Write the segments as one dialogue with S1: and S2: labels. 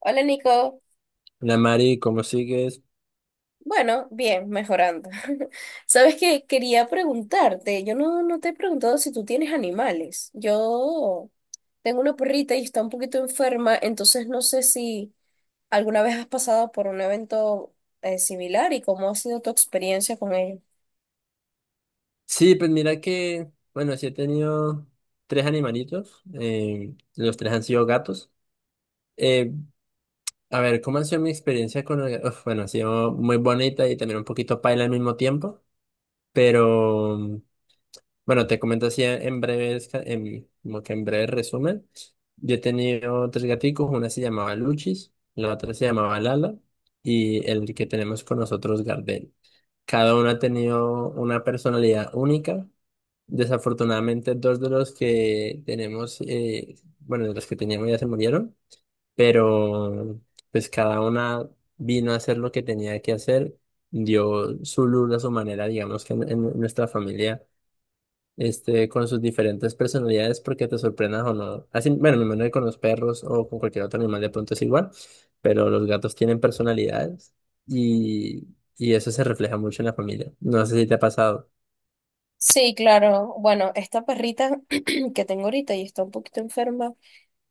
S1: Hola Nico,
S2: La Mari, ¿cómo sigues?
S1: bueno, bien, mejorando. Sabes que quería preguntarte, yo no te he preguntado si tú tienes animales. Yo tengo una perrita y está un poquito enferma, entonces no sé si alguna vez has pasado por un evento similar y cómo ha sido tu experiencia con ella.
S2: Sí, pues mira que, bueno, sí he tenido tres animalitos, los tres han sido gatos. Eh, a ver, ¿cómo ha sido mi experiencia con el gato? Bueno, ha sido muy bonita y también un poquito paila al mismo tiempo, pero bueno, te comento así en breves, como que en breve resumen. Yo he tenido tres gaticos, una se llamaba Luchis, la otra se llamaba Lala y el que tenemos con nosotros, Gardel. Cada uno ha tenido una personalidad única. Desafortunadamente, dos de los que tenemos, bueno, de los que teníamos ya se murieron, pero pues cada una vino a hacer lo que tenía que hacer, dio su luz a su manera, digamos que en nuestra familia, este, con sus diferentes personalidades, porque te sorprendas o no. Así, bueno, me imagino que con los perros o con cualquier otro animal de pronto es igual, pero los gatos tienen personalidades y, y eso se refleja mucho en la familia. No sé si te ha pasado.
S1: Sí, claro, bueno, esta perrita que tengo ahorita y está un poquito enferma.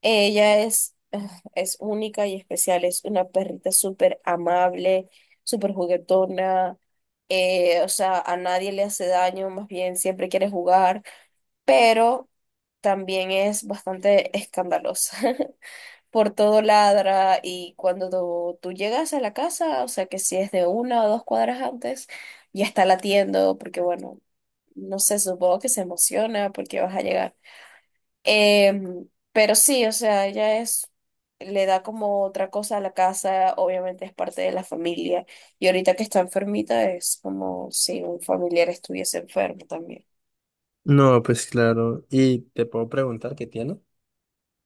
S1: Ella es, es única y especial, es una perrita súper amable, súper juguetona, o sea, a nadie le hace daño, más bien siempre quiere jugar, pero también es bastante escandalosa. Por todo ladra y cuando tú llegas a la casa, o sea, que si es de una o dos cuadras antes, ya está latiendo, porque bueno, no sé, supongo que se emociona porque vas a llegar. Pero sí, o sea, ella es, le da como otra cosa a la casa, obviamente es parte de la familia. Y ahorita que está enfermita es como si un familiar estuviese enfermo también.
S2: No, pues claro. ¿Y te puedo preguntar qué tiene?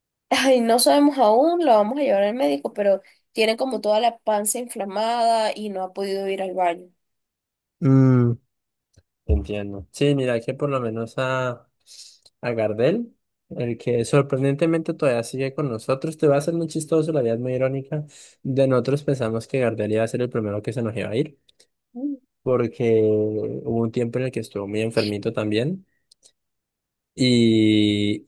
S1: Ay, no sabemos aún, lo vamos a llevar al médico, pero tiene como toda la panza inflamada y no ha podido ir al baño.
S2: Mm, Entiendo. Sí, mira que por lo menos a Gardel, el que sorprendentemente todavía sigue con nosotros, te va a ser muy chistoso, la vida es muy irónica. De nosotros pensamos que Gardel iba a ser el primero que se nos iba a ir, porque hubo un tiempo en el que estuvo muy enfermito también. y.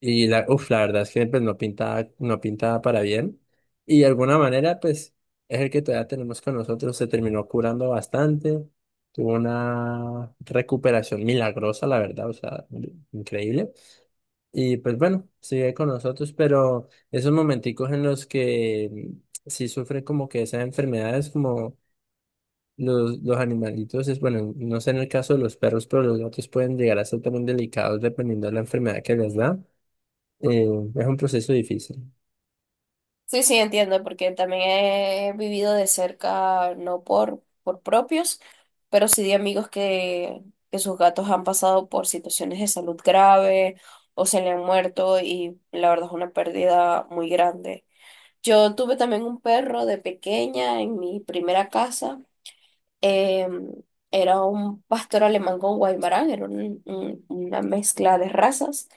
S2: Y la verdad es que pues, no pintaba, no pintaba para bien. Y de alguna manera, pues, es el que todavía tenemos con nosotros. Se terminó curando bastante. Tuvo una recuperación milagrosa, la verdad, o sea, increíble. Y pues bueno, sigue con nosotros, pero esos momenticos en los que sí sufren como que esas enfermedades, como los animalitos, es bueno, no sé en el caso de los perros, pero los gatos pueden llegar a ser también delicados dependiendo de la enfermedad que les da. Eh, es un proceso difícil.
S1: Sí, sí, entiendo, porque también he vivido de cerca, no por propios, pero sí de amigos que sus gatos han pasado por situaciones de salud grave o se le han muerto y la verdad es una pérdida muy grande. Yo tuve también un perro de pequeña en mi primera casa. em, Era un pastor alemán con guaymarán, era una mezcla de razas.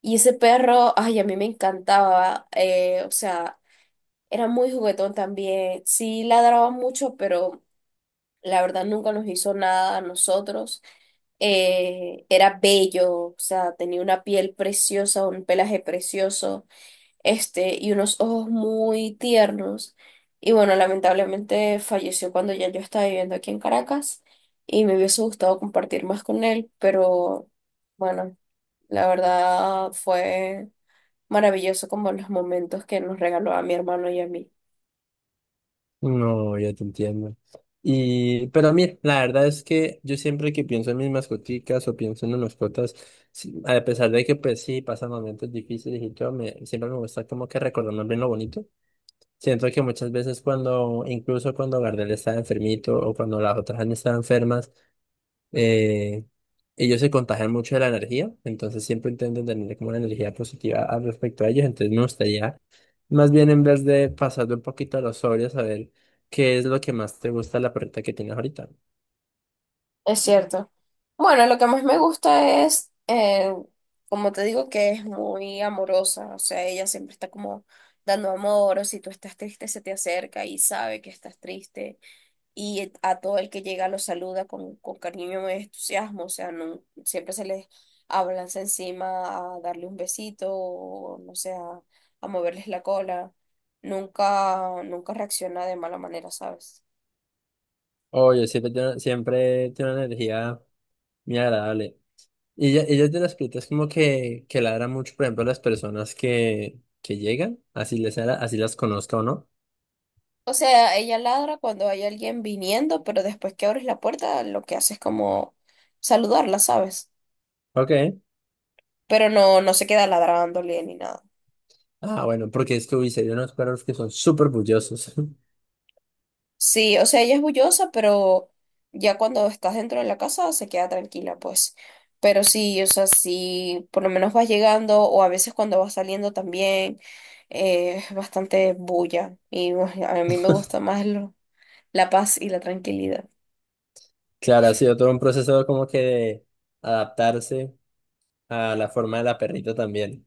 S1: Y ese perro, ay, a mí me encantaba. O sea, era muy juguetón también. Sí ladraba mucho, pero la verdad nunca nos hizo nada a nosotros. Era bello, o sea, tenía una piel preciosa, un pelaje precioso, este, y unos ojos muy tiernos. Y bueno, lamentablemente falleció cuando ya yo estaba viviendo aquí en Caracas y me hubiese gustado compartir más con él, pero bueno, la verdad fue maravilloso como los momentos que nos regaló a mi hermano y a mí.
S2: No, ya te entiendo. Pero mira, la verdad es que yo siempre que pienso en mis mascoticas o pienso en las mascotas, sí, a pesar de que pues sí, pasan momentos difíciles y todo, siempre me gusta como que recordar más bien lo bonito. Siento que muchas veces cuando, incluso cuando Gardel estaba enfermito o cuando las otras han estado enfermas, Eh, ellos se contagian mucho de la energía, entonces siempre intentan tener como una energía positiva al respecto a ellos, entonces me gustaría más bien en vez de pasarle un poquito a los sobrios, saber qué es lo que más te gusta de la perrita que tienes ahorita.
S1: Es cierto. Bueno, lo que más me gusta es, como te digo, que es muy amorosa. O sea, ella siempre está como dando amor, o si tú estás triste, se te acerca y sabe que estás triste. Y a todo el que llega lo saluda con cariño y entusiasmo. O sea, no, siempre se les abalanza encima a darle un besito, o no sé, a moverles la cola. Nunca, nunca reacciona de mala manera, ¿sabes?
S2: Oye, siempre tiene una energía muy agradable. Y ella es de las perritas como que ladra mucho, por ejemplo, a las personas que llegan, así las conozca o no.
S1: O sea, ella ladra cuando hay alguien viniendo, pero después que abres la puerta, lo que hace es como saludarla, ¿sabes?
S2: Ok.
S1: Pero no se queda ladrándole ni nada.
S2: Ah, bueno, porque es que, uy, serían unos perros que son súper bullosos.
S1: Sí, o sea, ella es bullosa, pero ya cuando estás dentro de la casa se queda tranquila, pues. Pero sí, o sea, sí, por lo menos vas llegando, o a veces cuando vas saliendo también, es bastante bulla. Y bueno, a mí me gusta más la paz y la tranquilidad.
S2: Claro, ha sido todo un proceso como que de adaptarse a la forma de la perrita también.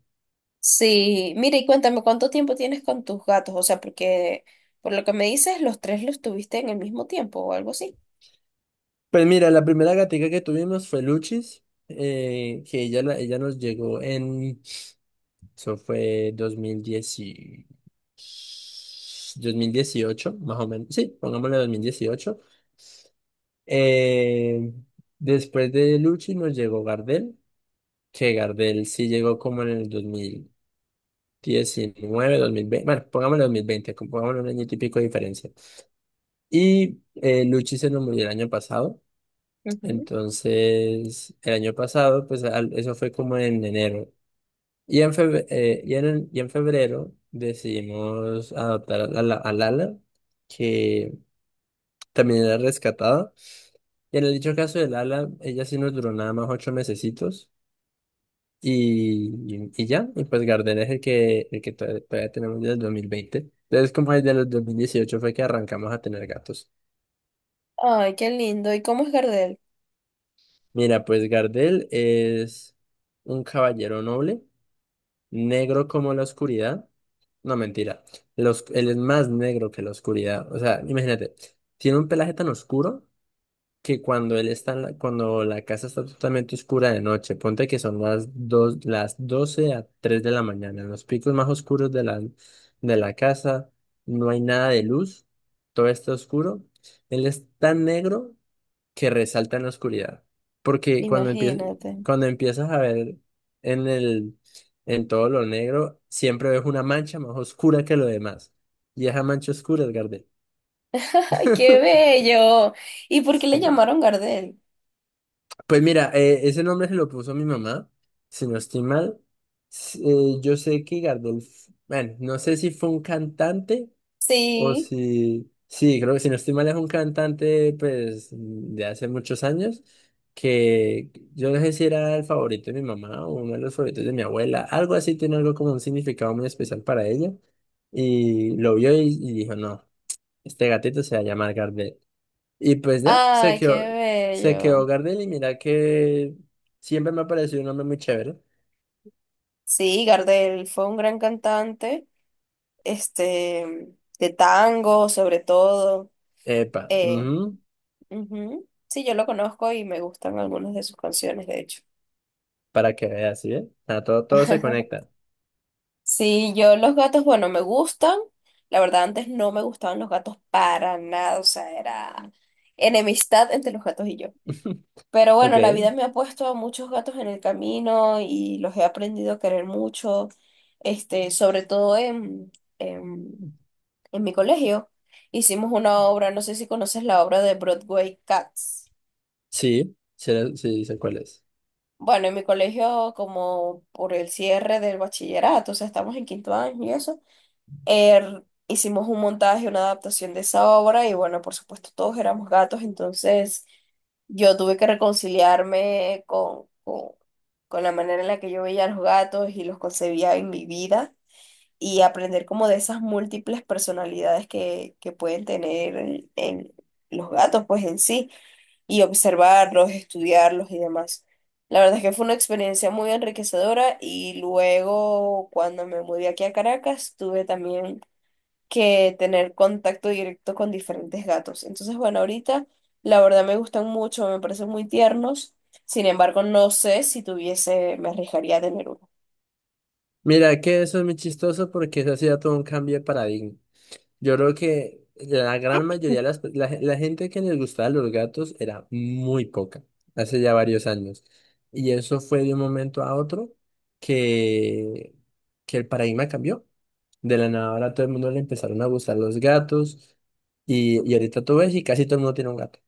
S1: Sí, mira y cuéntame, ¿cuánto tiempo tienes con tus gatos? O sea, porque por lo que me dices, los tres los tuviste en el mismo tiempo o algo así.
S2: Pues mira, la primera gatica que tuvimos fue Luchis, que ella nos llegó eso fue 2018, más o menos. Sí, pongámosle 2018. Eh, Después de Luchis nos llegó Gardel, que Gardel sí llegó como en el dos mil diecinueve, 2020, bueno, pongámosle 2020, como pongámosle un año y pico de diferencia. Y Luchi se nos murió el año pasado.
S1: Ujú.
S2: Entonces, el año pasado, pues eso fue como en enero. Y en febrero, y en febrero decidimos adoptar a Lala, que también era rescatada. Y en el dicho caso de Lala, ella sí nos duró nada más 8 mesecitos. Y, y, ya, pues Gardel es el que todavía, todavía tenemos desde el 2020. Entonces, como desde el 18 fue que arrancamos a tener gatos.
S1: Ay, qué lindo. ¿Y cómo es Gardel?
S2: Mira, pues Gardel es un caballero noble, negro como la oscuridad. No, mentira. Él es más negro que la oscuridad. O sea, imagínate, tiene un pelaje tan oscuro que cuando él está cuando la casa está totalmente oscura de noche, ponte que son las 12 a 3 de la mañana, en los picos más oscuros de la casa, no hay nada de luz, todo está oscuro. Él es tan negro que resalta en la oscuridad. Porque cuando empiezas,
S1: Imagínate.
S2: cuando empiezas a ver en el, en todo lo negro, siempre ves una mancha más oscura que lo demás. Y esa mancha oscura es Gardel.
S1: Ay, qué bello. ¿Y por qué le
S2: Sí.
S1: llamaron Gardel?
S2: Pues mira, ese nombre se lo puso mi mamá, si no estoy mal. Yo sé que Gardel, bueno, no sé si fue un cantante. O
S1: Sí.
S2: si, sí, creo que si no estoy mal es un cantante pues de hace muchos años que yo no sé si era el favorito de mi mamá o uno de los favoritos de mi abuela, algo así, tiene algo como un significado muy especial para ella y lo vio y dijo, no, este gatito se va a llamar Gardel. Y pues ya, se
S1: Ay, qué
S2: quedó, se quedó
S1: bello.
S2: Gardel y mira que siempre me ha parecido un hombre muy chévere.
S1: Sí, Gardel fue un gran cantante, este, de tango sobre todo.
S2: Epa,
S1: Eh,
S2: ujú,
S1: Ujú. Sí, yo lo conozco y me gustan algunas de sus canciones, de hecho.
S2: para que veas, ¿sí? ¿ven? O sea, todo, todo se conecta.
S1: Sí, yo los gatos, bueno, me gustan. La verdad, antes no me gustaban los gatos para nada, o sea, era enemistad entre los gatos y yo. Pero
S2: Ok.
S1: bueno, la vida me ha puesto a muchos gatos en el camino y los he aprendido a querer mucho, este, sobre todo en, en mi colegio. Hicimos una obra, no sé si conoces la obra de Broadway Cats.
S2: Sí, sí, sí, sé cuál es.
S1: Bueno, en mi colegio, como por el cierre del bachillerato, o sea, estamos en quinto año y eso. Hicimos un montaje, una adaptación de esa obra y bueno, por supuesto todos éramos gatos, entonces yo tuve que reconciliarme con la manera en la que yo veía a los gatos y los concebía en mi vida y aprender como de esas múltiples personalidades que pueden tener en los gatos pues en sí y observarlos, estudiarlos y demás. La verdad es que fue una experiencia muy enriquecedora y luego cuando me mudé aquí a Caracas tuve también que tener contacto directo con diferentes gatos. Entonces, bueno, ahorita la verdad me gustan mucho, me parecen muy tiernos. Sin embargo, no sé si tuviese, me arriesgaría a tener uno.
S2: Mira, que eso es muy chistoso porque eso ha sido todo un cambio de paradigma. Yo creo que la gran mayoría de la gente que les gustaba los gatos era muy poca, hace ya varios años. Y eso fue de un momento a otro que, que el paradigma cambió. De la nada ahora a todo el mundo le empezaron a gustar los gatos y ahorita tú ves y casi todo el mundo tiene un gato.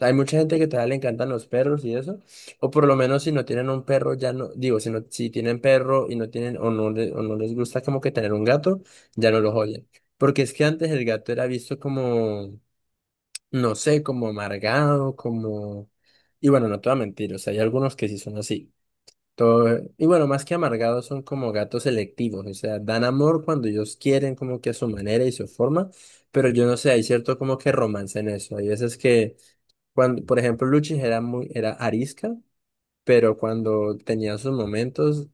S2: Hay mucha gente que todavía le encantan los perros y eso, o por lo menos si no tienen un perro, ya no, digo, si no, si tienen perro y no tienen, o no les gusta como que tener un gato, ya no los oyen. Porque es que antes el gato era visto como, no sé, como amargado, y bueno, no te voy a mentir, o sea, hay algunos que sí son así. Todo, y bueno, más que amargados son como gatos selectivos, o sea, dan amor cuando ellos quieren, como que a su manera y su forma, pero yo no sé, hay cierto como que romance en eso. Hay veces que cuando, por ejemplo, Luchi era arisca, pero cuando tenía sus momentos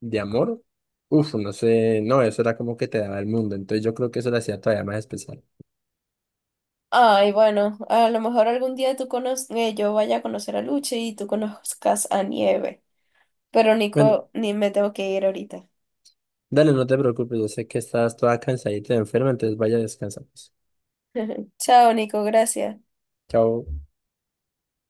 S2: de amor, uff, no sé, no, eso era como que te daba el mundo. Entonces yo creo que eso lo hacía todavía más especial.
S1: Ay, bueno, a lo mejor algún día tú conoces, yo vaya a conocer a Luche y tú conozcas a Nieve. Pero
S2: Bueno,
S1: Nico, ni me tengo que ir ahorita.
S2: dale, no te preocupes, yo sé que estás toda cansadita y enferma, entonces vaya a descansar, pues.
S1: Chao, Nico, gracias.
S2: Chao.